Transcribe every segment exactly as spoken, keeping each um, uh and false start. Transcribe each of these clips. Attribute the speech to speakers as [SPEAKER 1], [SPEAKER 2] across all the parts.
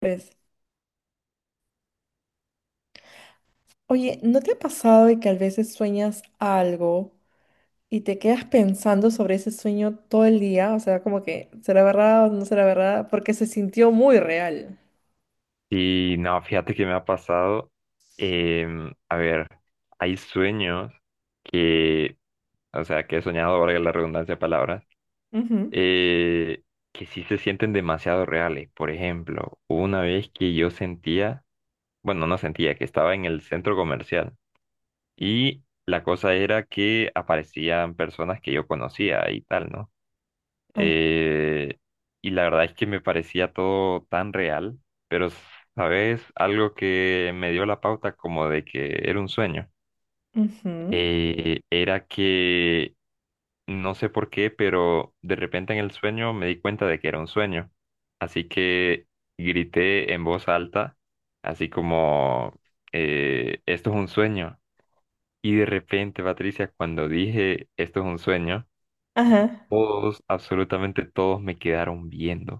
[SPEAKER 1] Pues, oye, ¿no te ha pasado de que a veces sueñas algo y te quedas pensando sobre ese sueño todo el día? O sea, como que, ¿será verdad o no será verdad? Porque se sintió muy real.
[SPEAKER 2] Y no, fíjate que me ha pasado. Em, a ver, hay sueños que, o sea, que he soñado, valga la redundancia de palabras,
[SPEAKER 1] Ujú.
[SPEAKER 2] eh, que sí se sienten demasiado reales. Por ejemplo, hubo una vez que yo sentía, bueno, no sentía, que estaba en el centro comercial y la cosa era que aparecían personas que yo conocía y tal, ¿no?
[SPEAKER 1] Ah,
[SPEAKER 2] Eh, y la verdad es que me parecía todo tan real, pero sabes, algo que me dio la pauta como de que era un sueño,
[SPEAKER 1] ujú.
[SPEAKER 2] eh, era que no sé por qué, pero de repente en el sueño me di cuenta de que era un sueño. Así que grité en voz alta, así como, eh, esto es un sueño. Y de repente, Patricia, cuando dije, esto es un sueño,
[SPEAKER 1] Ajá.
[SPEAKER 2] todos, absolutamente todos me quedaron viendo.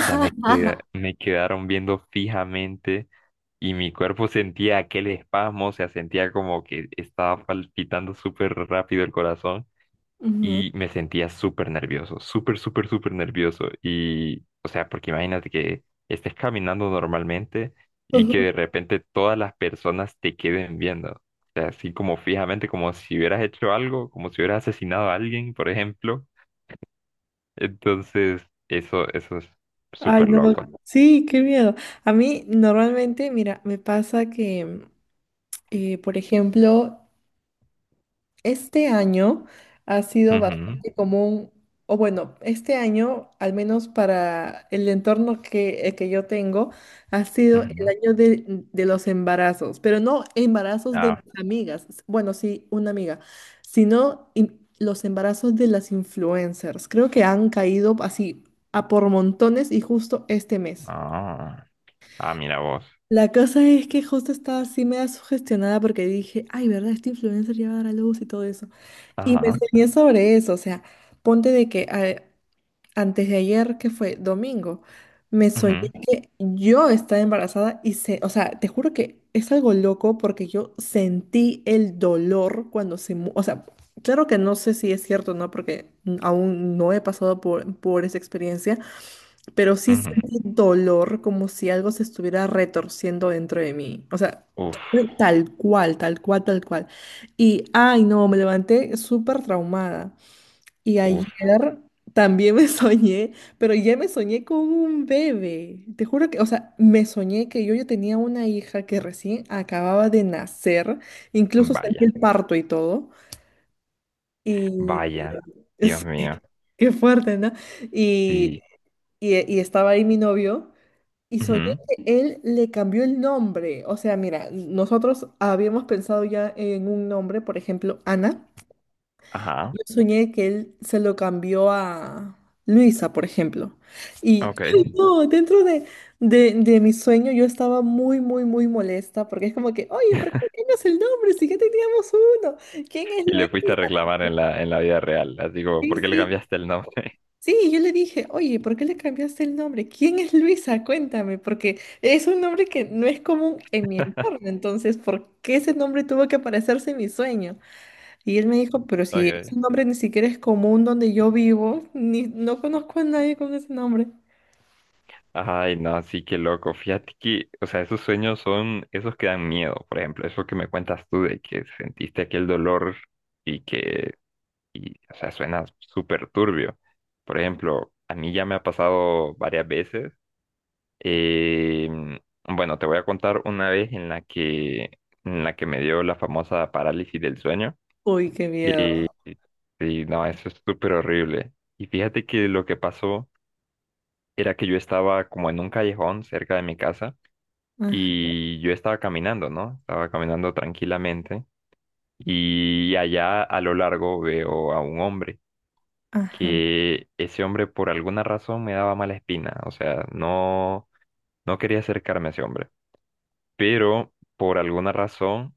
[SPEAKER 2] O sea, me queda- me quedaron viendo fijamente y mi cuerpo sentía aquel espasmo, o sea, sentía como que estaba palpitando súper rápido el corazón
[SPEAKER 1] Ujú.
[SPEAKER 2] y me sentía súper nervioso, súper, súper, súper nervioso. Y, o sea, porque imagínate que estés caminando normalmente y que
[SPEAKER 1] Ujú.
[SPEAKER 2] de repente todas las personas te queden viendo. O sea, así como fijamente, como si hubieras hecho algo, como si hubieras asesinado a alguien, por ejemplo. Entonces, eso, eso es
[SPEAKER 1] Ay,
[SPEAKER 2] súper
[SPEAKER 1] no.
[SPEAKER 2] loco.
[SPEAKER 1] Sí, qué miedo. A mí normalmente, mira, me pasa que, eh, por ejemplo, este año ha sido
[SPEAKER 2] Ujú,
[SPEAKER 1] bastante común, o bueno, este año, al menos para el entorno que, el que yo tengo, ha sido el
[SPEAKER 2] ujú.
[SPEAKER 1] año de, de los embarazos, pero no embarazos de
[SPEAKER 2] Ah,
[SPEAKER 1] mis amigas, bueno, sí, una amiga, sino in- los embarazos de las influencers. Creo que han caído así a por montones y justo este mes.
[SPEAKER 2] ah, ah, mira vos.
[SPEAKER 1] La cosa es que justo estaba así media sugestionada porque dije, ay, ¿verdad? Este influencer ya va a dar a luz y todo eso. Y me
[SPEAKER 2] Ajá.
[SPEAKER 1] enseñé sobre eso, o sea, ponte de que a- antes de ayer, que fue domingo, me soñé
[SPEAKER 2] Ujú,
[SPEAKER 1] que yo estaba embarazada y se, o sea, te juro que es algo loco porque yo sentí el dolor cuando se, mu- o sea, claro que no sé si es cierto, o ¿no? Porque aún no he pasado por, por esa experiencia, pero sí
[SPEAKER 2] ujú.
[SPEAKER 1] sentí dolor como si algo se estuviera retorciendo dentro de mí. O sea,
[SPEAKER 2] Uf,
[SPEAKER 1] fue tal cual, tal cual, tal cual. Y, ay, no, me levanté súper traumada. Y
[SPEAKER 2] uf,
[SPEAKER 1] ayer también me soñé, pero ya me soñé con un bebé. Te juro que, o sea, me soñé que yo ya tenía una hija que recién acababa de nacer, incluso sentí
[SPEAKER 2] vaya,
[SPEAKER 1] el parto y todo. Y,
[SPEAKER 2] vaya. Dios
[SPEAKER 1] sí,
[SPEAKER 2] mío.
[SPEAKER 1] qué fuerte, ¿no? Y,
[SPEAKER 2] Sí.
[SPEAKER 1] y, y estaba ahí mi novio. Y soñé
[SPEAKER 2] Ujú,
[SPEAKER 1] que él le cambió el nombre. O sea, mira, nosotros habíamos pensado ya en un nombre, por ejemplo, Ana.
[SPEAKER 2] ajá.
[SPEAKER 1] Yo soñé que él se lo cambió a Luisa, por ejemplo. Y
[SPEAKER 2] Ok.
[SPEAKER 1] ay, no, dentro de, de, de mi sueño yo estaba muy, muy, muy molesta porque es como que, oye, ¿por qué no cambias el nombre? Si ya teníamos uno. ¿Quién es
[SPEAKER 2] Y
[SPEAKER 1] Luisa?
[SPEAKER 2] le fuiste a reclamar en la, en la vida real. Así como, ¿por
[SPEAKER 1] sí
[SPEAKER 2] qué le
[SPEAKER 1] sí
[SPEAKER 2] cambiaste el nombre?
[SPEAKER 1] Sí, yo le dije, oye, ¿por qué le cambiaste el nombre? ¿Quién es Luisa? Cuéntame, porque es un nombre que no es común en mi entorno, entonces, ¿por qué ese nombre tuvo que aparecerse en mi sueño? Y él me dijo, pero si ese
[SPEAKER 2] Okay.
[SPEAKER 1] nombre ni siquiera es común donde yo vivo, ni, no conozco a nadie con ese nombre.
[SPEAKER 2] Ay, no, sí, qué loco. Fíjate que, o sea, esos sueños son esos que dan miedo, por ejemplo, eso que me cuentas tú de que sentiste aquel dolor. y que Y, o sea, suena súper turbio. Por ejemplo, a mí ya me ha pasado varias veces. Em, bueno, te voy a contar una vez en la que, en la que me dio la famosa parálisis del sueño.
[SPEAKER 1] Uy, qué miedo.
[SPEAKER 2] Y, y no, eso es súper horrible. Y fíjate que lo que pasó era que yo estaba como en un callejón cerca de mi casa
[SPEAKER 1] Ajá,
[SPEAKER 2] y yo estaba caminando, ¿no? Estaba caminando tranquilamente y allá a lo largo veo a un hombre,
[SPEAKER 1] ajá,
[SPEAKER 2] que ese hombre por alguna razón me daba mala espina, o sea, no, no quería acercarme a ese hombre, pero por alguna razón,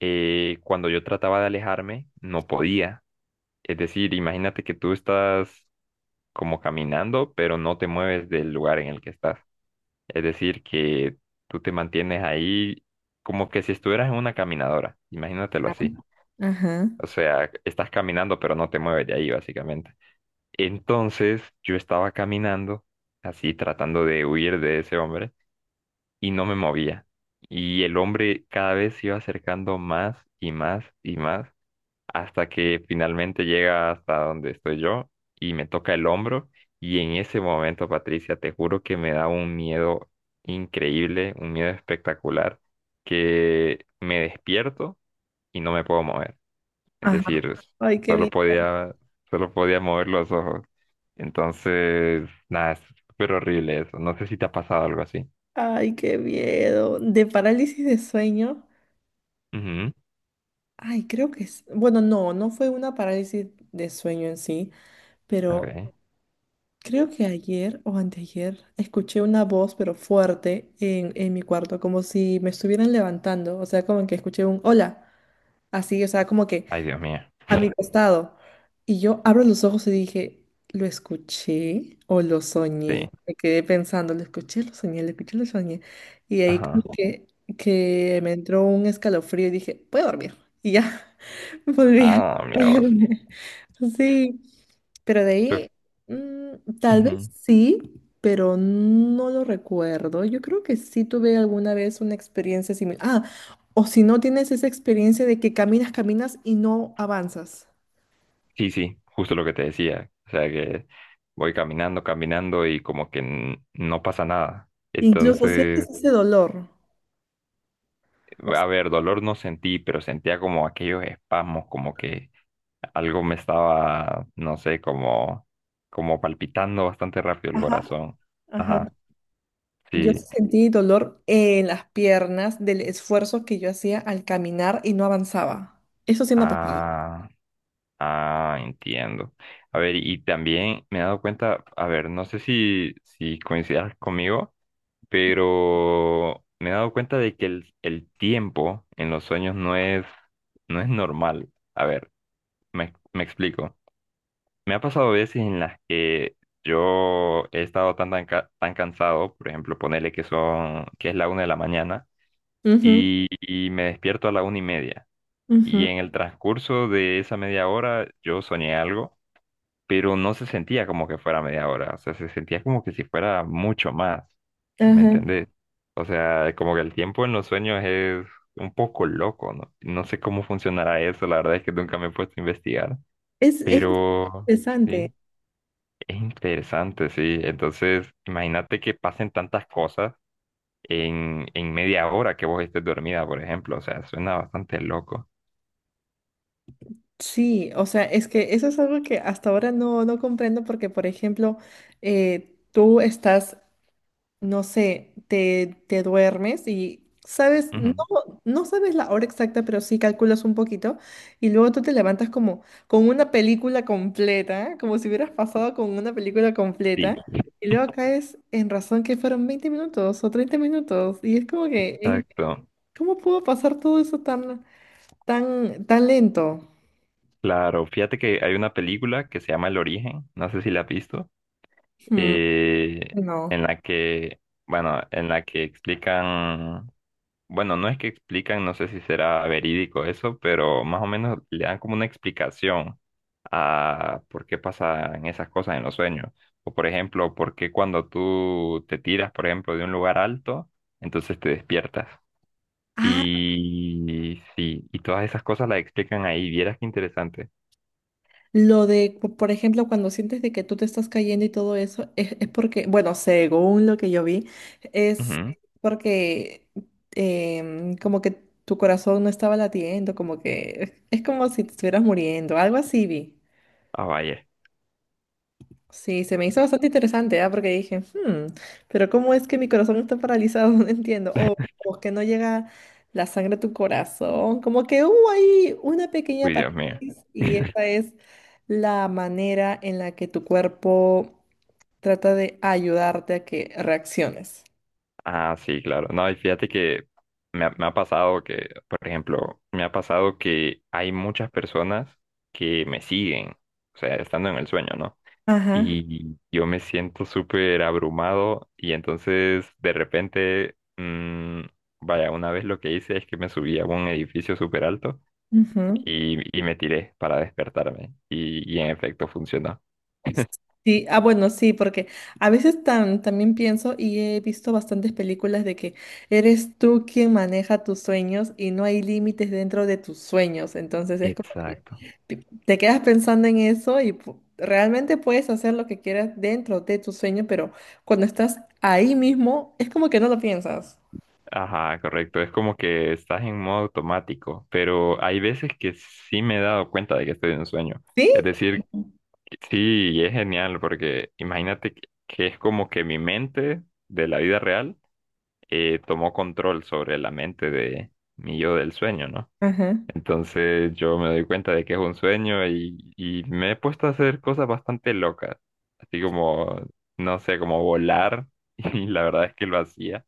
[SPEAKER 2] eh, cuando yo trataba de alejarme, no podía. Es decir, imagínate que tú estás como caminando, pero no te mueves del lugar en el que estás. Es decir, que tú te mantienes ahí como que si estuvieras en una caminadora, imagínatelo así.
[SPEAKER 1] ajá,
[SPEAKER 2] O sea, estás caminando, pero no te mueves de ahí, básicamente. Entonces yo estaba caminando, así tratando de huir de ese hombre, y no me movía. Y el hombre cada vez se iba acercando más y más y más, hasta que finalmente llega hasta donde estoy yo y me toca el hombro. Y en ese momento, Patricia, te juro que me da un miedo increíble, un miedo espectacular, que me despierto y no me puedo mover. Es
[SPEAKER 1] ajá.
[SPEAKER 2] decir,
[SPEAKER 1] Ay, qué
[SPEAKER 2] solo
[SPEAKER 1] miedo.
[SPEAKER 2] podía, solo podía mover los ojos. Entonces, nada, es súper horrible eso. No sé si te ha pasado algo así.
[SPEAKER 1] Ay, qué miedo. De parálisis de sueño.
[SPEAKER 2] Ujú,
[SPEAKER 1] Ay, creo que es. Bueno, no, no fue una parálisis de sueño en sí, pero
[SPEAKER 2] ok.
[SPEAKER 1] creo que ayer o anteayer escuché una voz, pero fuerte, en, en mi cuarto, como si me estuvieran levantando, o sea, como que escuché un hola, así, o sea, como que
[SPEAKER 2] Ay, Dios mío.
[SPEAKER 1] a mi costado. Y yo abro los ojos y dije, ¿lo escuché o lo soñé?
[SPEAKER 2] Sí.
[SPEAKER 1] Me quedé pensando, ¿lo escuché, lo soñé, lo escuché, lo soñé? Y ahí como
[SPEAKER 2] Ajá.
[SPEAKER 1] que, que me entró un escalofrío y dije, voy a dormir. Y ya, volví a
[SPEAKER 2] Ah, mira vos.
[SPEAKER 1] dormirme. Sí, pero de
[SPEAKER 2] Pues,
[SPEAKER 1] ahí, mm, tal
[SPEAKER 2] ujú.
[SPEAKER 1] vez sí, pero no lo recuerdo. Yo creo que sí tuve alguna vez una experiencia similar. Ah. O si no tienes esa experiencia de que caminas, caminas y no avanzas.
[SPEAKER 2] Sí, sí, justo lo que te decía. O sea que voy caminando, caminando y como que n- no pasa nada.
[SPEAKER 1] Incluso sientes
[SPEAKER 2] Entonces,
[SPEAKER 1] ese dolor. O
[SPEAKER 2] a
[SPEAKER 1] sea,
[SPEAKER 2] ver, dolor no sentí, pero sentía como aquellos espasmos, como que algo me estaba, no sé, como, como palpitando bastante rápido el
[SPEAKER 1] ajá,
[SPEAKER 2] corazón.
[SPEAKER 1] ajá.
[SPEAKER 2] Ajá,
[SPEAKER 1] Yo
[SPEAKER 2] sí.
[SPEAKER 1] sí sentí dolor en las piernas del esfuerzo que yo hacía al caminar y no avanzaba. Eso sí me ha pasado.
[SPEAKER 2] Ah, ah, entiendo. A ver, y también me he dado cuenta, a ver, no sé si, si coincidas conmigo, pero me he dado cuenta de que el, el tiempo en los sueños no es, no es normal. A ver, me, me explico. Me ha pasado veces en las que yo he estado tan, tan, ca- tan cansado, por ejemplo, ponerle que son, que es la una de la mañana,
[SPEAKER 1] Ujú,
[SPEAKER 2] y, y me despierto a la una y media. Y
[SPEAKER 1] ujú,
[SPEAKER 2] en el transcurso de esa media hora yo soñé algo, pero no se sentía como que fuera media hora, o sea, se sentía como que si fuera mucho más, ¿me
[SPEAKER 1] ajá.
[SPEAKER 2] entendés? O sea, como que el tiempo en los sueños es un poco loco, ¿no? No sé cómo funcionará eso, la verdad es que nunca me he puesto a investigar,
[SPEAKER 1] Es, es
[SPEAKER 2] pero
[SPEAKER 1] interesante.
[SPEAKER 2] sí. Es interesante, sí. Entonces, imagínate que pasen tantas cosas en, en media hora que vos estés dormida, por ejemplo. O sea, suena bastante loco.
[SPEAKER 1] Sí, o sea, es que eso es algo que hasta ahora no, no comprendo porque, por ejemplo, eh, tú estás no sé, te, te duermes y sabes, no,
[SPEAKER 2] Ujú,
[SPEAKER 1] no sabes la hora exacta, pero sí calculas un poquito y luego tú te levantas como con una película completa, como si hubieras pasado con una película
[SPEAKER 2] sí,
[SPEAKER 1] completa y luego caes en razón que fueron veinte minutos o treinta minutos y es como que, ¿en,
[SPEAKER 2] exacto.
[SPEAKER 1] cómo pudo pasar todo eso tan, tan, tan lento?
[SPEAKER 2] Claro, fíjate que hay una película que se llama El Origen, no sé si la has visto,
[SPEAKER 1] Hmm,
[SPEAKER 2] eh,
[SPEAKER 1] no.
[SPEAKER 2] en la que, bueno, en la que explican Bueno, no es que explican, no sé si será verídico eso, pero más o menos le dan como una explicación a por qué pasan esas cosas en los sueños. O por ejemplo, por qué cuando tú te tiras, por ejemplo, de un lugar alto, entonces te despiertas. Y sí, y todas esas cosas las explican ahí. Vieras qué interesante.
[SPEAKER 1] Lo de, po- por ejemplo, cuando sientes de que tú te estás cayendo y todo eso, es, es porque, bueno, según lo que yo vi, es
[SPEAKER 2] Ujú.
[SPEAKER 1] porque em, como que tu corazón no estaba latiendo, como que es como si te estuvieras muriendo, algo así vi.
[SPEAKER 2] Ah, vaya.
[SPEAKER 1] Sí, se me hizo bastante interesante, ¿ah? Porque dije, "Hmm, pero ¿cómo es que mi corazón está paralizado? No entiendo. O, o que no llega la sangre a tu corazón. Como que hubo ahí una pequeña
[SPEAKER 2] Uy, Dios mío.
[SPEAKER 1] parálisis y esa es la manera en la que tu cuerpo trata de ayudarte a que reacciones.
[SPEAKER 2] Ah, sí, claro. No, y fíjate que me ha, me ha pasado que, por ejemplo, me ha pasado que hay muchas personas que me siguen, o sea, estando en el sueño, ¿no?
[SPEAKER 1] Ajá.
[SPEAKER 2] Y yo me siento súper abrumado y entonces de repente, mm, vaya, una vez lo que hice es que me subí a un edificio súper alto y, y me tiré para despertarme y, y en efecto funcionó.
[SPEAKER 1] Sí, ah, bueno, sí, porque a veces tan, también pienso y he visto bastantes películas de que eres tú quien maneja tus sueños y no hay límites dentro de tus sueños. Entonces es como que
[SPEAKER 2] Exacto.
[SPEAKER 1] te te quedas pensando en eso y pu- realmente puedes hacer lo que quieras dentro de tu sueño, pero cuando estás ahí mismo es como que no lo piensas.
[SPEAKER 2] Ajá, correcto. Es como que estás en modo automático, pero hay veces que sí me he dado cuenta de que estoy en sueño. Es
[SPEAKER 1] ¿Sí?
[SPEAKER 2] decir, sí, y es genial porque imagínate que que es como que mi mente de la vida real eh, tomó control sobre la mente de mi yo del sueño, ¿no?
[SPEAKER 1] Ajá.
[SPEAKER 2] Entonces yo me doy cuenta de que es un sueño y, y me he puesto a hacer cosas bastante locas, así como, no sé, como volar y la verdad es que lo hacía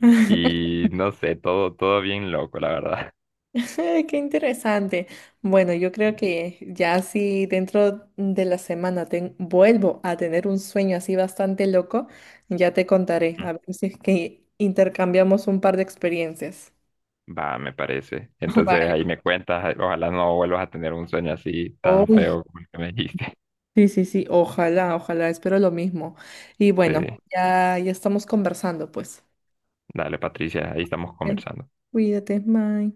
[SPEAKER 2] y no sé, todo, todo bien loco, la verdad.
[SPEAKER 1] Eh, qué interesante. Bueno, yo creo
[SPEAKER 2] Sí.
[SPEAKER 1] que ya si dentro de la semana ten- vuelvo a tener un sueño así bastante loco, ya te contaré.
[SPEAKER 2] Mm,
[SPEAKER 1] A ver si es que intercambiamos un par de experiencias.
[SPEAKER 2] Va, me parece. Entonces
[SPEAKER 1] Vale.
[SPEAKER 2] ahí me cuentas, ojalá no vuelvas a tener un sueño así tan
[SPEAKER 1] Uy,
[SPEAKER 2] feo como el que me dijiste.
[SPEAKER 1] sí, sí, sí. Ojalá, ojalá. Espero lo mismo. Y
[SPEAKER 2] Sí,
[SPEAKER 1] bueno,
[SPEAKER 2] sí.
[SPEAKER 1] ya, ya estamos conversando, pues.
[SPEAKER 2] Dale, Patricia, ahí estamos
[SPEAKER 1] Bien.
[SPEAKER 2] conversando.
[SPEAKER 1] Cuídate, bye.